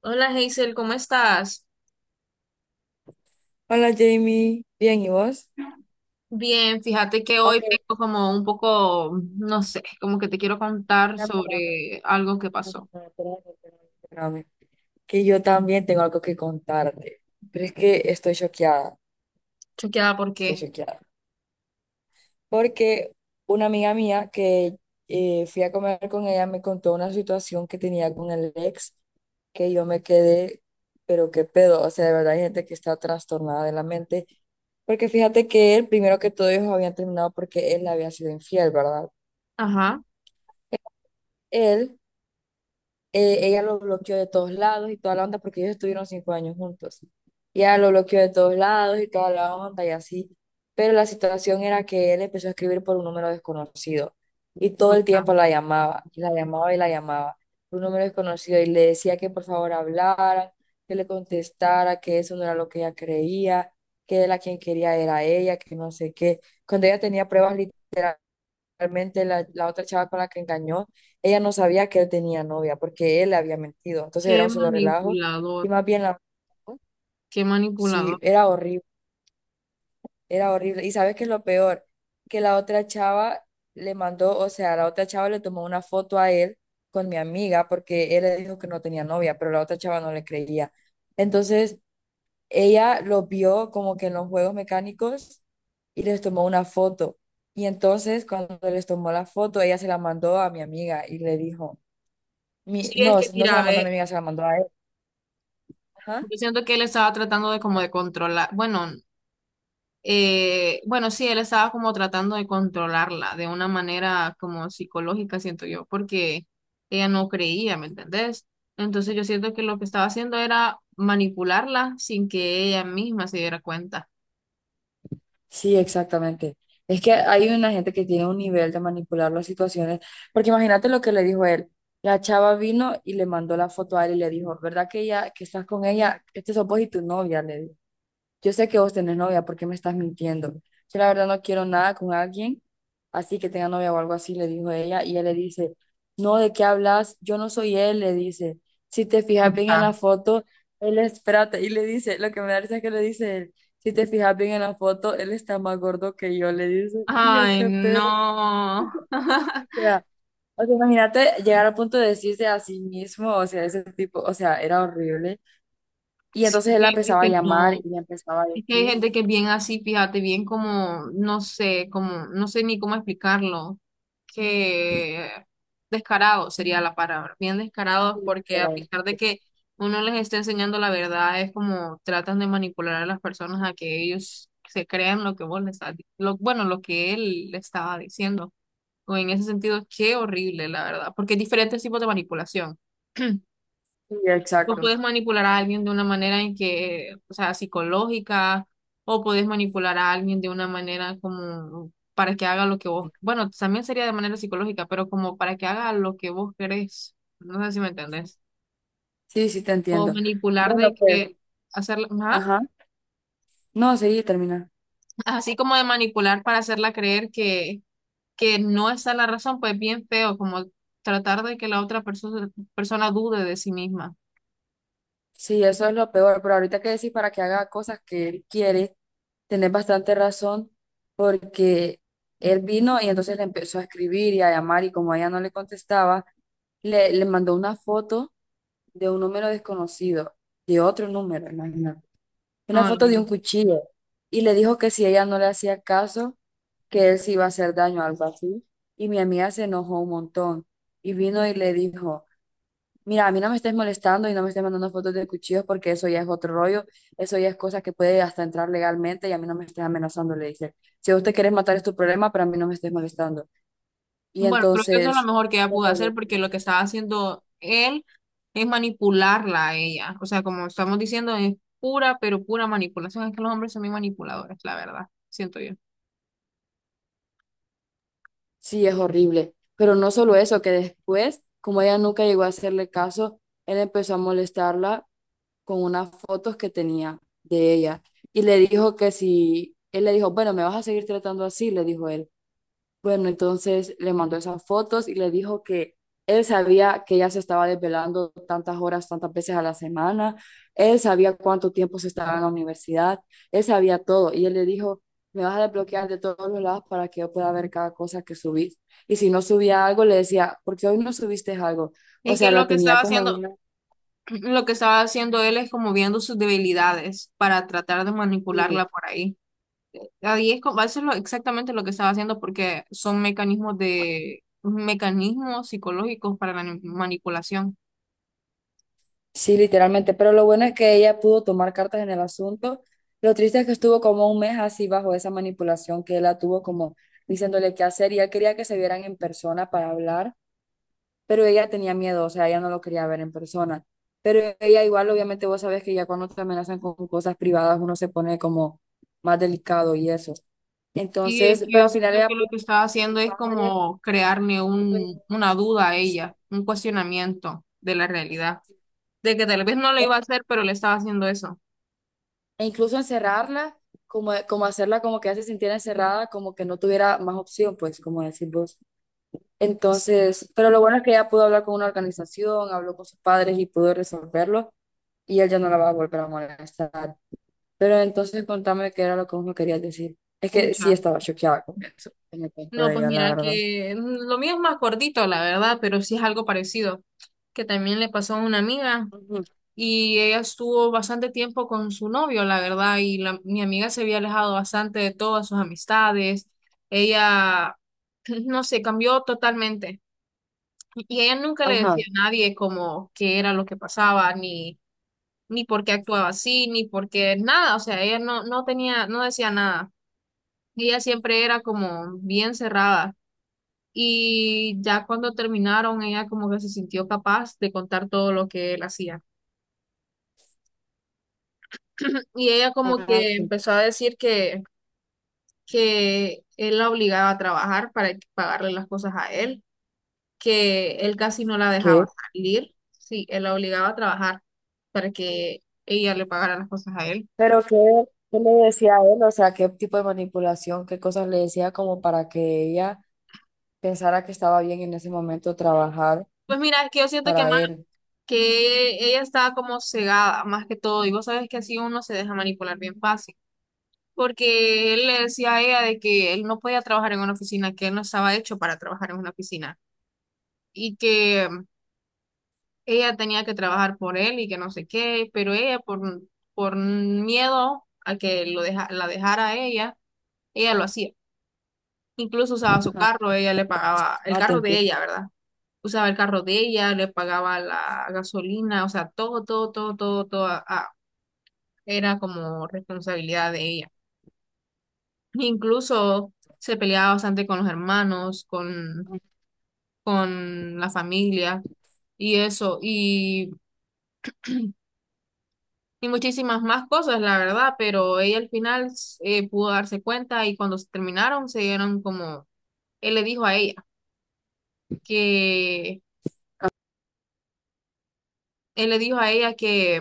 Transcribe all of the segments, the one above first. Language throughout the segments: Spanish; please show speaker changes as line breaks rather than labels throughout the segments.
Hola Hazel, ¿cómo estás?
Hola Jamie, bien, ¿y vos?
Bien, fíjate que hoy
Ok,
tengo como un poco, no sé, como que te quiero contar
espérame, espérame,
sobre algo que pasó.
espérame, espérame, espérame, espérame, que yo también tengo algo que contarte, pero es que
¿Chequeada por
estoy
qué?
choqueada, porque una amiga mía que fui a comer con ella me contó una situación que tenía con el ex, que yo me quedé, pero qué pedo, o sea, de verdad hay gente que está trastornada de la mente, porque fíjate que él, primero que todo, ellos habían terminado porque él le había sido infiel, ¿verdad?
Ajá,
Él Ella lo bloqueó de todos lados y toda la onda porque ellos estuvieron 5 años juntos. Y ella lo bloqueó de todos lados y toda la onda y así. Pero la situación era que él empezó a escribir por un número desconocido y todo el
escucha,
tiempo la llamaba, y la llamaba y la llamaba, por un número desconocido y le decía que por favor hablara, que le contestara, que eso no era lo que ella creía, que él a quien quería era ella, que no sé qué. Cuando ella tenía pruebas realmente la otra chava con la que engañó, ella no sabía que él tenía novia porque él le había mentido. Entonces era
qué
un solo relajo y
manipulador,
más bien la...
qué manipulador.
Sí, era horrible, era horrible. ¿Y sabes qué es lo peor? Que la otra chava le mandó, o sea, la otra chava le tomó una foto a él con mi amiga porque él le dijo que no tenía novia, pero la otra chava no le creía. Entonces ella los vio como que en los juegos mecánicos y les tomó una foto. Y entonces cuando les tomó la foto, ella se la mandó a mi amiga y le dijo,
Sí,
no,
es que
no se
mira,
la mandó a mi
ve,
amiga, se la mandó a él. Ajá.
yo siento que él estaba tratando de como de controlar, bueno, bueno, sí, él estaba como tratando de controlarla de una manera como psicológica, siento yo, porque ella no creía, ¿me entendés? Entonces yo siento que lo que estaba haciendo era manipularla sin que ella misma se diera cuenta.
Sí, exactamente. Es que hay una gente que tiene un nivel de manipular las situaciones, porque imagínate lo que le dijo él. La chava vino y le mandó la foto a él y le dijo, ¿verdad que ella, que estás con ella? Este sos vos y tu novia, le dijo. Yo sé que vos tenés novia, ¿por qué me estás mintiendo? Yo la verdad no quiero nada con alguien, así que tenga novia o algo así, le dijo ella, y él le dice, no, ¿de qué hablas? Yo no soy él, le dice, si te fijas bien en
Ya.
la foto, él es, espérate, y le dice, lo que me da risa es que le dice él, si te fijas bien en la foto, él está más gordo que yo, le dice, y yo
Ay,
qué pedo,
no.
o sea, o sea, imagínate llegar al punto de decirse a sí mismo, o sea, ese tipo, o sea, era horrible, y
Sí,
entonces él la
es
empezaba a
que
llamar
no.
y le empezaba a
Es que hay
decir,
gente que es bien así, fíjate, bien como, no sé ni cómo explicarlo, que descarado sería la palabra, bien descarados
y
porque a
era
pesar de que uno les esté enseñando la verdad, es como tratan de manipular a las personas a que ellos se crean lo que vos les estás, lo, bueno, lo que él le estaba diciendo. O en ese sentido, qué horrible, la verdad, porque hay diferentes tipos de manipulación.
Sí,
Tú
exacto.
puedes manipular a alguien de una manera en que, o sea, psicológica, o puedes manipular a alguien de una manera como para que haga lo que vos, bueno, también sería de manera psicológica, pero como para que haga lo que vos querés. No sé si me entendés.
Sí, sí, te
O
entiendo.
manipular
Bueno,
de
pues,
que hacerla, ajá,
ajá. No, sí, termina.
así como de manipular para hacerla creer que no está la razón, pues bien feo, como tratar de que la otra persona dude de sí misma.
Sí, eso es lo peor, pero ahorita que decís para que haga cosas que él quiere, tenés bastante razón porque él vino y entonces le empezó a escribir y a llamar y como ella no le contestaba, le mandó una foto de un número desconocido, de otro número, imagínate. Una
No, no.
foto de un
No.
cuchillo y le dijo que si ella no le hacía caso, que él se iba a hacer daño, algo así. Y mi amiga se enojó un montón y vino y le dijo, mira, a mí no me estés molestando y no me estés mandando fotos de cuchillos porque eso ya es otro rollo, eso ya es cosa que puede hasta entrar legalmente y a mí no me estés amenazando, le dice. Si usted quiere matar es tu problema, pero a mí no me estés molestando. Y
Bueno, creo que eso es lo
entonces...
mejor que ella pudo
Horrible,
hacer porque
tío.
lo que estaba haciendo él es manipularla a ella. O sea, como estamos diciendo, es pura, pero pura manipulación. Es que los hombres son muy manipuladores, la verdad, siento yo.
Sí, es horrible. Pero no solo eso, que después, como ella nunca llegó a hacerle caso, él empezó a molestarla con unas fotos que tenía de ella y le dijo que si, él le dijo, bueno, me vas a seguir tratando así, le dijo él. Bueno, entonces le mandó esas fotos y le dijo que él sabía que ella se estaba desvelando tantas horas, tantas veces a la semana, él sabía cuánto tiempo se estaba en la universidad, él sabía todo y él le dijo, me vas a desbloquear de todos los lados para que yo pueda ver cada cosa que subís. Y si no subía algo, le decía, ¿por qué hoy no subiste algo? O
Es que
sea,
lo
la
que
tenía
estaba
como
haciendo,
en
lo que estaba haciendo él es como viendo sus debilidades para tratar de
una.
manipularla por ahí. Ahí es como, eso es exactamente lo que estaba haciendo porque son mecanismos de, mecanismos psicológicos para la manipulación.
Sí, literalmente, pero lo bueno es que ella pudo tomar cartas en el asunto. Lo triste es que estuvo como un mes así bajo esa manipulación que él la tuvo como diciéndole qué hacer y él quería que se vieran en persona para hablar, pero ella tenía miedo, o sea, ella no lo quería ver en persona. Pero ella igual, obviamente vos sabes que ya cuando te amenazan con cosas privadas uno se pone como más delicado y eso.
Sí, es
Entonces,
que
pero
yo
al final
siento
ella
que lo
pudo
que estaba
con
haciendo
su
es
padre.
como crearme un, una duda a ella, un cuestionamiento de la realidad, de que tal vez no lo iba a hacer, pero le estaba haciendo eso.
E incluso encerrarla, como, como hacerla como que ya se sintiera encerrada, como que no tuviera más opción, pues, como decís vos. Entonces, pero lo bueno es que ella pudo hablar con una organización, habló con sus padres y pudo resolverlo, y él ya no la va a volver a molestar. Pero entonces contame qué era lo que vos me querías decir. Es que sí
Pucha.
estaba choqueada con eso, en el cuento
No,
de
pues
ella, la
mira
verdad.
que lo mío es más cortito, la verdad, pero sí es algo parecido, que también le pasó a una amiga
Ujú.
y ella estuvo bastante tiempo con su novio, la verdad, y la, mi amiga se había alejado bastante de todas sus amistades. Ella, no sé, cambió totalmente. Y ella nunca le decía
Ajá.
a nadie como qué era lo que pasaba, ni, ni por qué actuaba así, ni por qué nada. O sea, ella no, no tenía, no decía nada. Ella siempre era como bien cerrada. Y ya cuando terminaron, ella como que se sintió capaz de contar todo lo que él hacía. Y ella como
Ah,
que
sí.
empezó a decir que él la obligaba a trabajar para pagarle las cosas a él, que él casi no la dejaba
¿Qué?
salir, sí, él la obligaba a trabajar para que ella le pagara las cosas a él.
Pero qué, qué le decía a él, o sea, qué tipo de manipulación, qué cosas le decía como para que ella pensara que estaba bien en ese momento trabajar
Pues mira, es que yo siento que
para
más
él.
que ella estaba como cegada, más que todo, y vos sabes que así uno se deja manipular bien fácil, porque él le decía a ella de que él no podía trabajar en una oficina, que él no estaba hecho para trabajar en una oficina, y que ella tenía que trabajar por él y que no sé qué, pero ella por miedo a que lo deja, la dejara a ella, ella lo hacía. Incluso usaba su
Ajá.
carro, ella le pagaba el
Ah, te
carro de
entiendo.
ella, ¿verdad? Usaba el carro de ella, le pagaba la gasolina, o sea, todo, todo, todo, todo, todo, era como responsabilidad de ella. Incluso se peleaba bastante con los hermanos, con la familia y eso, y muchísimas más cosas, la verdad, pero ella al final pudo darse cuenta y cuando se terminaron se dieron como, él le dijo a ella que, él le dijo a ella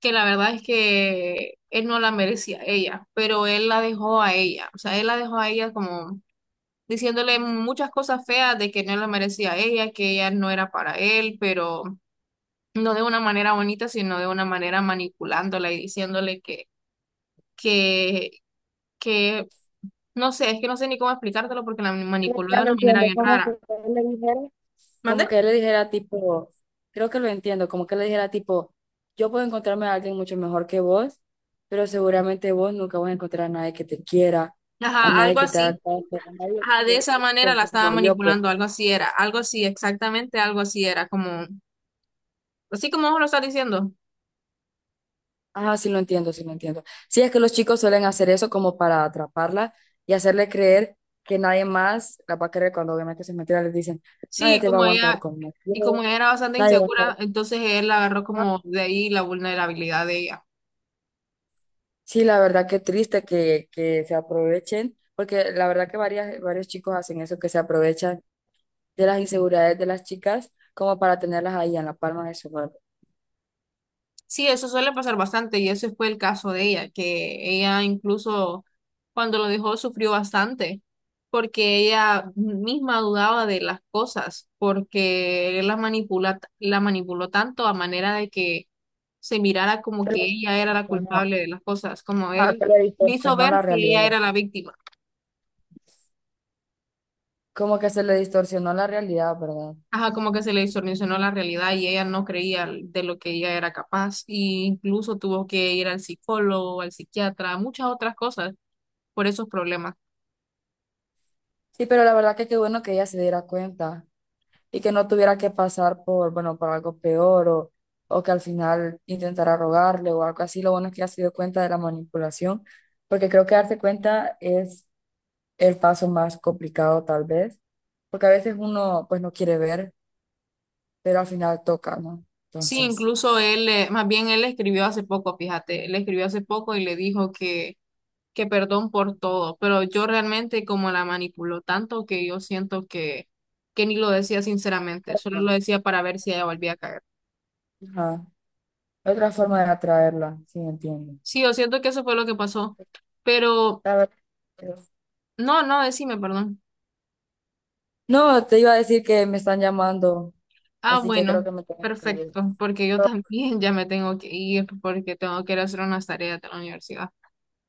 que la verdad es que él no la merecía ella, pero él la dejó a ella, o sea, él la dejó a ella como diciéndole muchas cosas feas de que no la merecía a ella, que ella no era para él, pero no de una manera bonita, sino de una manera manipulándola y diciéndole que, que, no sé, es que no sé ni cómo explicártelo porque la
Creo que
manipuló de
ya lo
una manera
entiendo,
bien
como que
rara.
ustedes le dijeron.
¿Mande?
Como que él le dijera tipo, creo que lo entiendo, como que le dijera tipo, yo puedo encontrarme a alguien mucho mejor que vos, pero seguramente vos nunca vas a encontrar a nadie que te quiera,
Ajá,
a nadie
algo
que te haga
así.
caso, a nadie
Ajá, de
que
esa manera la estaba
como yo, pues.
manipulando, algo así era, algo así, exactamente algo así era, como, así como vos lo estás diciendo.
Ajá, sí lo entiendo, sí lo entiendo. Sí, es que los chicos suelen hacer eso como para atraparla y hacerle creer que nadie más la va a querer cuando obviamente se mentira, les dicen, nadie
Sí,
te va a
como
aguantar
ella, y como
conmigo,
ella era bastante
nadie va a
insegura,
estar
entonces él agarró
acá.
como de ahí la vulnerabilidad de ella.
Sí, la verdad que triste que se aprovechen, porque la verdad que varias, varios chicos hacen eso, que se aprovechan de las inseguridades de las chicas como para tenerlas ahí en la palma de su mano.
Sí, eso suele pasar bastante y ese fue el caso de ella, que ella incluso cuando lo dejó sufrió bastante porque ella misma dudaba de las cosas, porque él la manipula, la manipuló tanto a manera de que se mirara como
Pero
que ella era la
no,
culpable de las cosas, como
ah,
él
se le
le hizo
distorsionó
ver
la
que ella
realidad.
era la víctima.
Como que se le distorsionó la realidad, ¿verdad?
Ajá, como que se le distorsionó la realidad y ella no creía de lo que ella era capaz, y incluso tuvo que ir al psicólogo, al psiquiatra, muchas otras cosas por esos problemas.
Sí, pero la verdad que qué bueno que ella se diera cuenta y que no tuviera que pasar por, bueno, por algo peor o que al final intentara rogarle o algo así. Lo bueno es que ella se dio cuenta de la manipulación, porque creo que darse cuenta es el paso más complicado tal vez, porque a veces uno pues no quiere ver, pero al final toca, ¿no?
Sí,
Entonces,
incluso él, más bien él le escribió hace poco, fíjate, le escribió hace poco y le dijo que perdón por todo, pero yo realmente como la manipuló tanto que yo siento que ni lo decía sinceramente, solo
ajá.
lo decía para ver si ella volvía a caer.
Ajá, otra forma de atraerla, sí, entiendo.
Sí, yo siento que eso fue lo que pasó, pero
La verdad que...
no, no, decime, perdón.
No, te iba a decir que me están llamando,
Ah,
así que creo
bueno,
que me tengo que ir.
perfecto, porque yo también ya me tengo que ir porque tengo que ir a hacer unas tareas de la universidad.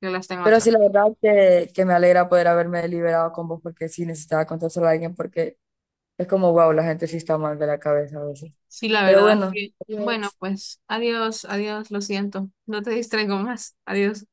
Yo las tengo
Pero
atrás.
sí, la verdad que me alegra poder haberme liberado con vos porque sí necesitaba contárselo a alguien porque es como, wow, la gente sí está mal de la cabeza a veces.
Sí, la
Pero
verdad es
bueno,
que, bueno, pues adiós, adiós, lo siento. No te distraigo más. Adiós.